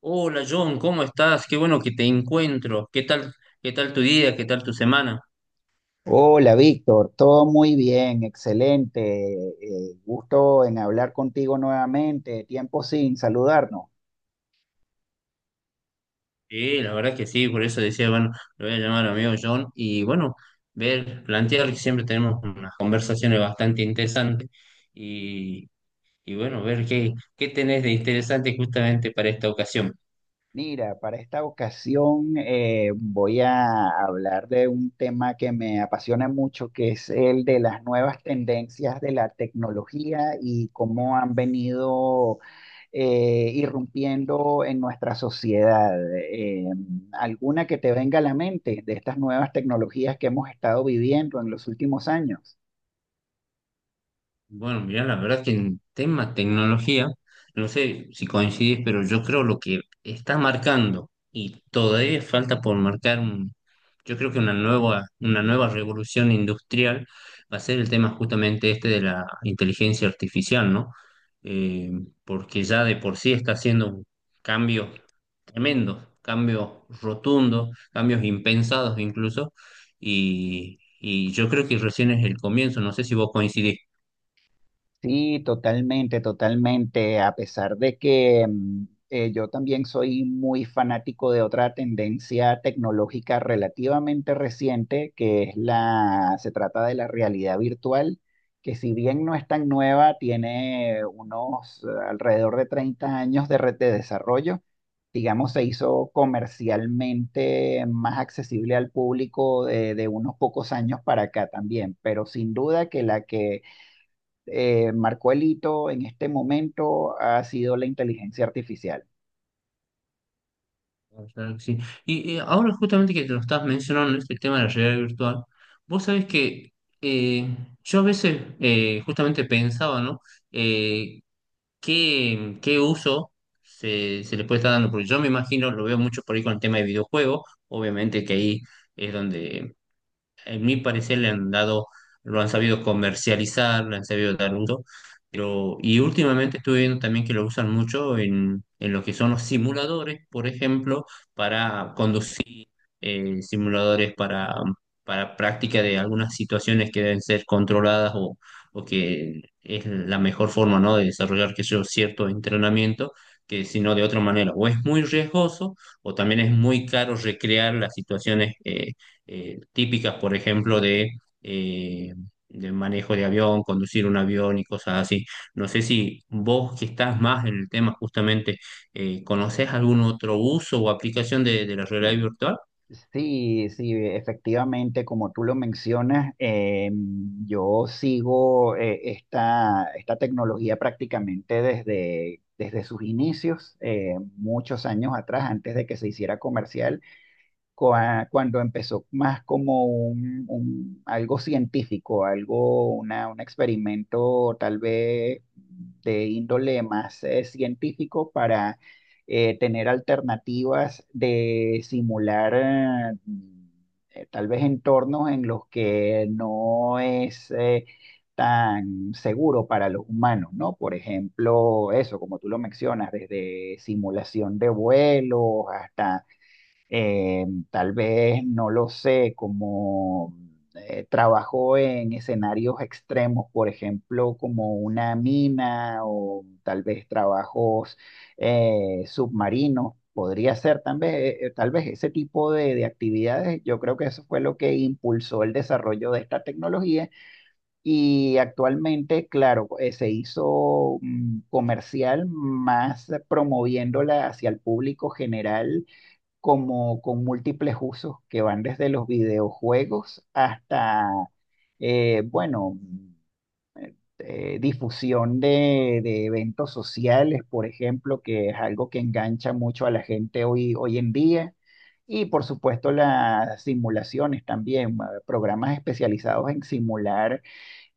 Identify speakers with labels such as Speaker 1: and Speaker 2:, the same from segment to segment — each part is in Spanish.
Speaker 1: Hola John, ¿cómo estás? Qué bueno que te encuentro. ¿Qué tal tu día? ¿Qué tal tu semana?
Speaker 2: Hola, Víctor, todo muy bien, excelente. Gusto en hablar contigo nuevamente. Tiempo sin saludarnos.
Speaker 1: Sí, la verdad que sí, por eso decía, bueno, lo voy a llamar a mi amigo John y bueno, ver, plantear que siempre tenemos unas conversaciones bastante interesantes y, y bueno, ver qué tenés de interesante justamente para esta ocasión.
Speaker 2: Mira, para esta ocasión voy a hablar de un tema que me apasiona mucho, que es el de las nuevas tendencias de la tecnología y cómo han venido irrumpiendo en nuestra sociedad. ¿Alguna que te venga a la mente de estas nuevas tecnologías que hemos estado viviendo en los últimos años?
Speaker 1: Bueno, mira, la verdad que en tema tecnología, no sé si coincidís, pero yo creo lo que está marcando y todavía falta por marcar un, yo creo que una nueva revolución industrial va a ser el tema justamente este de la inteligencia artificial, ¿no? Eh, Porque ya de por sí está haciendo un cambio tremendo, cambios rotundos, cambios impensados incluso, y yo creo que recién es el comienzo, no sé si vos coincidís.
Speaker 2: Sí, totalmente, totalmente. A pesar de que yo también soy muy fanático de otra tendencia tecnológica relativamente reciente, que es se trata de la realidad virtual, que si bien no es tan nueva, tiene unos alrededor de 30 años de red de desarrollo. Digamos, se hizo comercialmente más accesible al público de unos pocos años para acá también, pero sin duda que la que marcó el hito en este momento ha sido la inteligencia artificial.
Speaker 1: Ah, claro que sí. Y ahora justamente que te lo estás mencionando, este tema de la realidad virtual, vos sabés que eh, yo a veces justamente pensaba, ¿no? Eh, ¿qué uso se le puede estar dando? Porque yo me imagino, lo veo mucho por ahí con el tema de videojuegos, obviamente que ahí es donde en mi parecer le han dado, lo han sabido comercializar, le han sabido dar uso, pero y últimamente estuve viendo también que lo usan mucho en lo que son los simuladores, por ejemplo, para conducir eh, simuladores para, para práctica de algunas situaciones que deben ser controladas o que es la mejor forma, ¿no?, de desarrollar que yo cierto entrenamiento. Que si no de otra manera, o es muy riesgoso o también es muy caro recrear las situaciones típicas, por ejemplo, eh, de manejo de avión, conducir un avión y cosas así. No sé si vos que estás más en el tema justamente, ¿conocés algún otro uso o aplicación de la realidad
Speaker 2: Sí,
Speaker 1: virtual?
Speaker 2: sí, sí, efectivamente, como tú lo mencionas, yo sigo esta tecnología prácticamente desde sus inicios, muchos años atrás, antes de que se hiciera comercial. Cuando empezó más como un, algo científico, algo, una, un experimento tal vez de índole más científico para tener alternativas de simular tal vez entornos en los que no es... tan seguro para los humanos, ¿no? Por ejemplo, eso, como tú lo mencionas, desde simulación de vuelos hasta eh, tal vez, no lo sé, como trabajó en escenarios extremos, por ejemplo, como una mina o tal vez trabajos submarinos. Podría ser tal vez ese tipo de actividades. Yo creo que eso fue lo que impulsó el desarrollo de esta tecnología y actualmente, claro, se hizo comercial más promoviéndola hacia el público general como con múltiples usos que van desde los videojuegos hasta, bueno, difusión de eventos sociales, por ejemplo, que es algo que engancha mucho a la gente hoy, hoy en día. Y por supuesto las simulaciones también, programas especializados en simular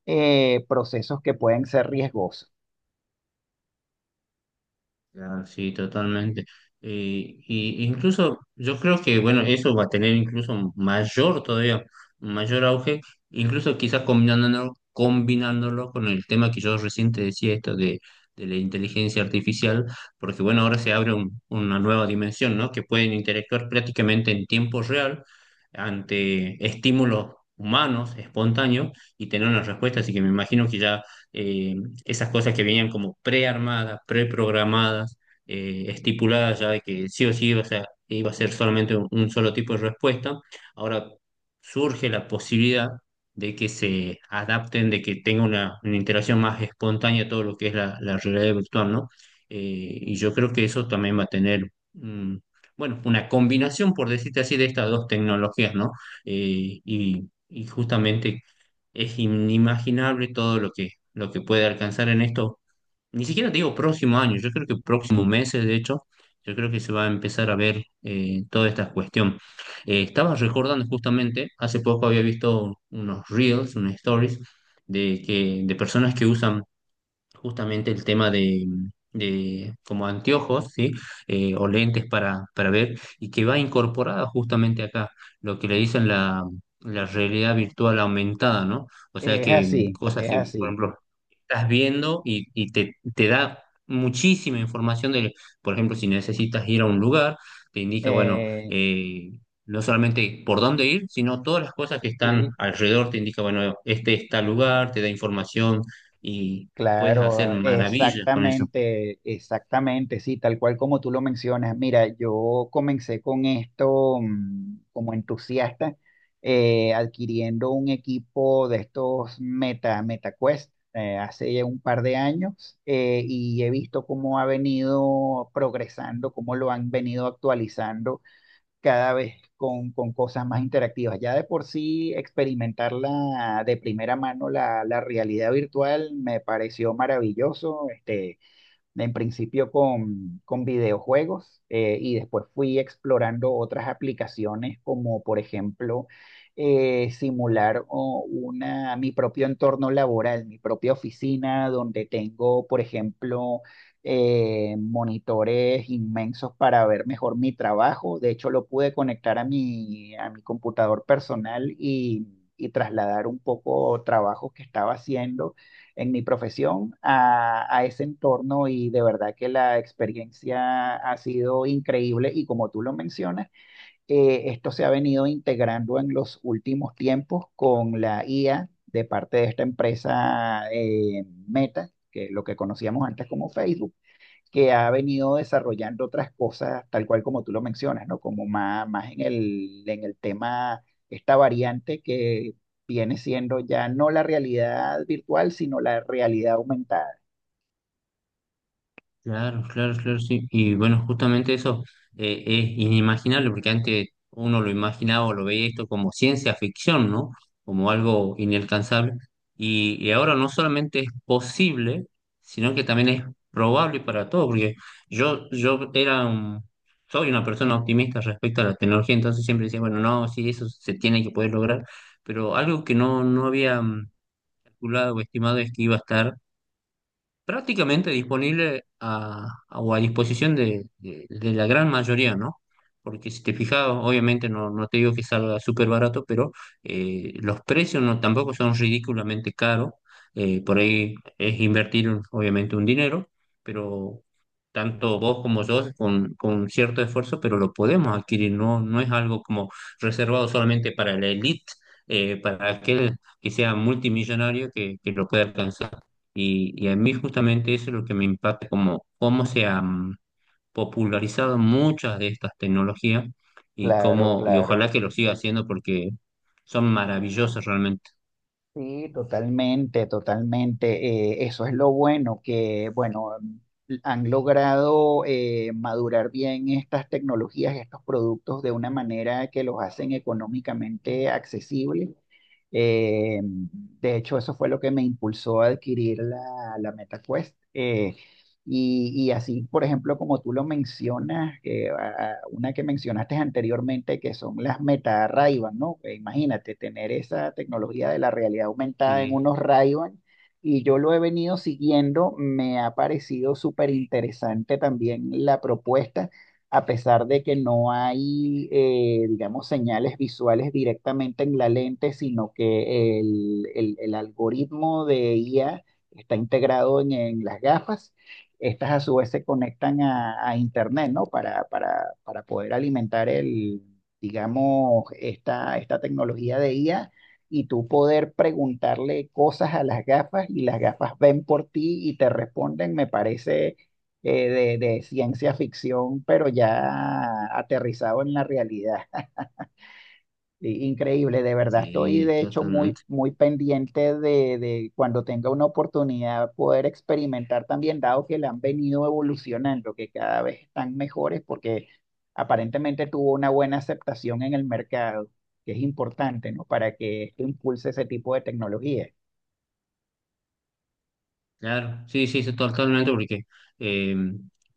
Speaker 2: procesos que pueden ser riesgosos.
Speaker 1: Ya, sí, totalmente. Y incluso yo creo que, bueno, eso va a tener incluso mayor todavía, mayor auge, incluso quizás combinándolo con el tema que yo recién te decía, esto de la inteligencia artificial, porque bueno, ahora se abre una nueva dimensión, ¿no? Que pueden interactuar prácticamente en tiempo real ante estímulos humanos, espontáneos, y tener una respuesta. Así que me imagino que ya eh, esas cosas que venían como prearmadas, preprogramadas, estipuladas ya de que sí o sí iba a ser solamente un solo tipo de respuesta. Ahora surge la posibilidad de que se adapten, de que tenga una interacción más espontánea todo lo que es la realidad virtual, ¿no? Y yo creo que eso también va a tener, bueno, una combinación, por decirte así, de estas dos tecnologías, ¿no? Y justamente es inimaginable todo lo que puede alcanzar en esto. Ni siquiera te digo próximo año, yo creo que próximos meses, de hecho, yo creo que se va a empezar a ver toda esta cuestión. Estaba recordando justamente, hace poco había visto unos reels, unas stories de personas que usan justamente el tema de como anteojos, ¿sí? O lentes para ver, y que va incorporada justamente acá, lo que le dicen la realidad virtual aumentada, ¿no? O sea
Speaker 2: Es
Speaker 1: que
Speaker 2: así,
Speaker 1: cosas
Speaker 2: es
Speaker 1: que, por
Speaker 2: así.
Speaker 1: ejemplo, estás viendo y te da muchísima información de, por ejemplo, si necesitas ir a un lugar, te indica, bueno,
Speaker 2: Eh,
Speaker 1: no solamente por dónde ir, sino todas las cosas que están
Speaker 2: sí,
Speaker 1: alrededor, te indica, bueno, este está lugar, te da información, y puedes hacer
Speaker 2: claro,
Speaker 1: maravillas con eso.
Speaker 2: exactamente, exactamente, sí, tal cual como tú lo mencionas. Mira, yo comencé con esto como entusiasta, adquiriendo un equipo de estos Meta, MetaQuest, hace ya un par de años, y he visto cómo ha venido progresando, cómo lo han venido actualizando cada vez con cosas más interactivas. Ya de por sí experimentar de primera mano la realidad virtual me pareció maravilloso. Este, en principio con videojuegos y después fui explorando otras aplicaciones como por ejemplo simular o, una, mi propio entorno laboral, mi propia oficina donde tengo por ejemplo monitores inmensos para ver mejor mi trabajo. De hecho lo pude conectar a mi computador personal y trasladar un poco trabajos que estaba haciendo en mi profesión a ese entorno y de verdad que la experiencia ha sido increíble y como tú lo mencionas, esto se ha venido integrando en los últimos tiempos con la IA de parte de esta empresa Meta, que es lo que conocíamos antes como Facebook, que ha venido desarrollando otras cosas, tal cual como tú lo mencionas, ¿no? Como más, más en el tema, esta variante que viene siendo ya no la realidad virtual, sino la realidad aumentada.
Speaker 1: Claro, claro, claro, sí. Y bueno, justamente eso es inimaginable, porque antes uno lo imaginaba o lo veía esto como ciencia ficción, ¿no? Como algo inalcanzable. Y ahora no solamente es posible, sino que también es probable para todo, porque yo era soy una persona optimista respecto a la tecnología, entonces siempre decía, bueno, no, sí, eso se tiene que poder lograr, pero algo que no había calculado o estimado es que iba a estar prácticamente disponible o a disposición de la gran mayoría, ¿no? Porque si te fijas, obviamente no, no te digo que salga súper barato, pero los precios no, tampoco son ridículamente caros. Por ahí es invertir, obviamente, un dinero, pero tanto vos como yo con cierto esfuerzo, pero lo podemos adquirir, no, no es algo como reservado solamente para la élite, para aquel que sea multimillonario que lo pueda alcanzar. Y a mí justamente eso es lo que me impacta, como cómo se han popularizado muchas de estas tecnologías
Speaker 2: Claro,
Speaker 1: y
Speaker 2: claro.
Speaker 1: ojalá que lo siga haciendo porque son maravillosas realmente.
Speaker 2: Sí, totalmente, totalmente. Eso es lo bueno, que bueno, han logrado madurar bien estas tecnologías, estos productos de una manera que los hacen económicamente accesibles. De hecho, eso fue lo que me impulsó a adquirir la MetaQuest. Y, y así, por ejemplo, como tú lo mencionas, que, ah, una que mencionaste anteriormente, que son las meta ray, ¿no? Que imagínate tener esa tecnología de la realidad aumentada en
Speaker 1: Sí,
Speaker 2: unos ray, y yo lo he venido siguiendo, me ha parecido súper interesante también la propuesta, a pesar de que no hay, digamos, señales visuales directamente en la lente, sino que el algoritmo de IA está integrado en las gafas, estas a su vez se conectan a Internet, ¿no? Para poder alimentar el, digamos, esta tecnología de IA y tú poder preguntarle cosas a las gafas, y las gafas ven por ti y te responden. Me parece de ciencia ficción, pero ya aterrizado en la realidad. Increíble, de verdad. Estoy
Speaker 1: sí,
Speaker 2: de hecho muy,
Speaker 1: totalmente.
Speaker 2: muy pendiente de cuando tenga una oportunidad poder experimentar también, dado que la han venido evolucionando, que cada vez están mejores porque aparentemente tuvo una buena aceptación en el mercado, que es importante, ¿no? Para que esto impulse ese tipo de tecnología.
Speaker 1: Claro, sí, sí, sí, totalmente porque eh,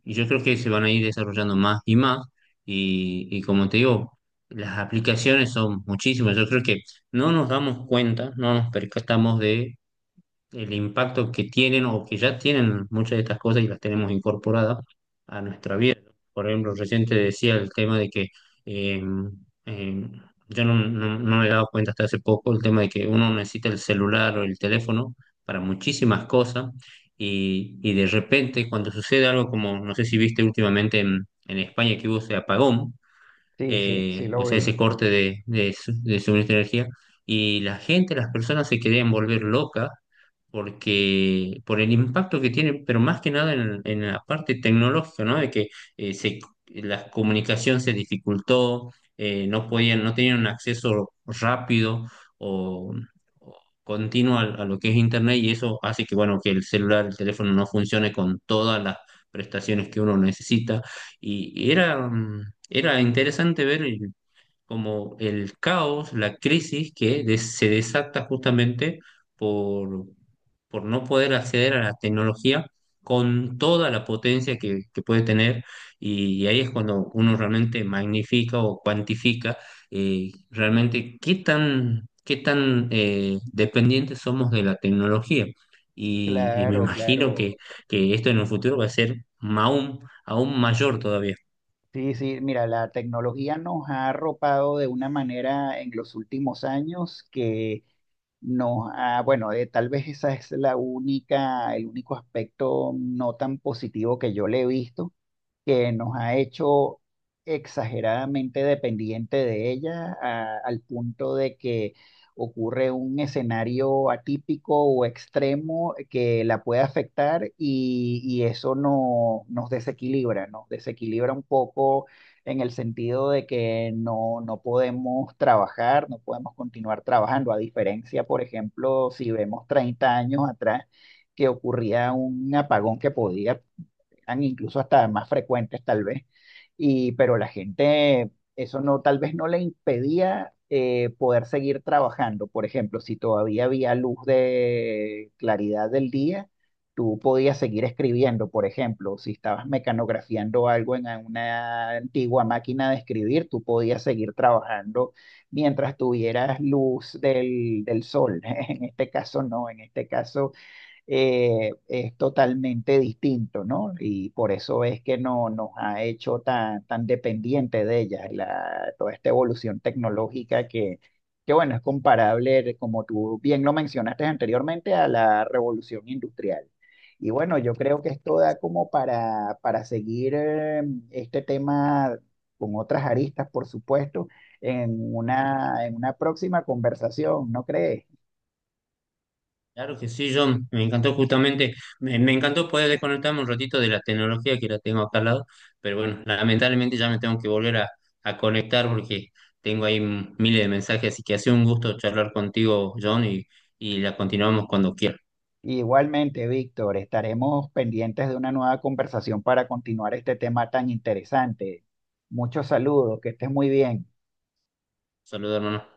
Speaker 1: yo creo que se van a ir desarrollando más y más y como te digo, las aplicaciones son muchísimas. Yo creo que no nos damos cuenta, no nos percatamos de el impacto que tienen o que ya tienen muchas de estas cosas y las tenemos incorporadas a nuestra vida. Por ejemplo, recién te decía el tema de que eh, eh, yo no me he dado cuenta hasta hace poco el tema de que uno necesita el celular o el teléfono para muchísimas cosas y de repente cuando sucede algo como, no sé si viste últimamente en España que hubo ese apagón,
Speaker 2: Sí, sí, sí
Speaker 1: o
Speaker 2: lo
Speaker 1: sea, ese
Speaker 2: vi.
Speaker 1: corte de suministro de energía, y la gente, las personas se querían volver locas porque por el impacto que tiene, pero más que nada en la parte tecnológica, ¿no? De que eh, se, la comunicación se dificultó, no podían, no tenían un acceso rápido o, o continuo a lo que es Internet y eso hace que, bueno, que el celular, el teléfono no funcione con todas las prestaciones que uno necesita. Y, y era, mm, Era interesante ver el- como el caos, la crisis que se desata justamente por, por no poder acceder a la tecnología con toda la potencia que puede tener y, ahí es cuando uno realmente magnifica o cuantifica realmente qué tan dependientes somos de la tecnología. Y me
Speaker 2: Claro,
Speaker 1: imagino
Speaker 2: claro.
Speaker 1: que esto en el futuro va a ser aún, aún mayor todavía.
Speaker 2: Sí, sí, mira, la tecnología nos ha arropado de una manera en los últimos años que nos ha, bueno, tal vez esa es el único aspecto no tan positivo que yo le he visto, que nos ha hecho exageradamente dependiente de ella, al punto de que ocurre un escenario atípico o extremo que la puede afectar y eso no, nos desequilibra un poco en el sentido de que no, no podemos trabajar, no podemos continuar trabajando, a diferencia, por ejemplo, si vemos 30 años atrás que ocurría un apagón que podía, eran incluso hasta más frecuentes tal vez, y, pero la gente eso no, tal vez no le impedía poder seguir trabajando. Por ejemplo, si todavía había luz de claridad del día, tú podías seguir escribiendo, por ejemplo, si estabas mecanografiando algo en una antigua máquina de escribir, tú podías seguir trabajando mientras tuvieras luz del, del sol. En este caso no, en este caso es totalmente distinto, ¿no? Y por eso es que no, nos ha hecho tan, tan dependientes de ellas toda esta evolución tecnológica que, bueno, es comparable, como tú bien lo mencionaste anteriormente, a la revolución industrial. Y bueno, yo creo que esto da como para seguir este tema con otras aristas, por supuesto, en una próxima conversación, ¿no crees?
Speaker 1: Claro que sí, John, me encantó justamente, me encantó poder desconectarme un ratito de la tecnología que la tengo acá al lado, pero bueno, lamentablemente ya me tengo que volver a conectar porque tengo ahí miles de mensajes, así que ha sido un gusto charlar contigo, John, y la continuamos cuando quiera.
Speaker 2: Igualmente, Víctor, estaremos pendientes de una nueva conversación para continuar este tema tan interesante. Muchos saludos, que estés muy bien.
Speaker 1: Saludos, hermano.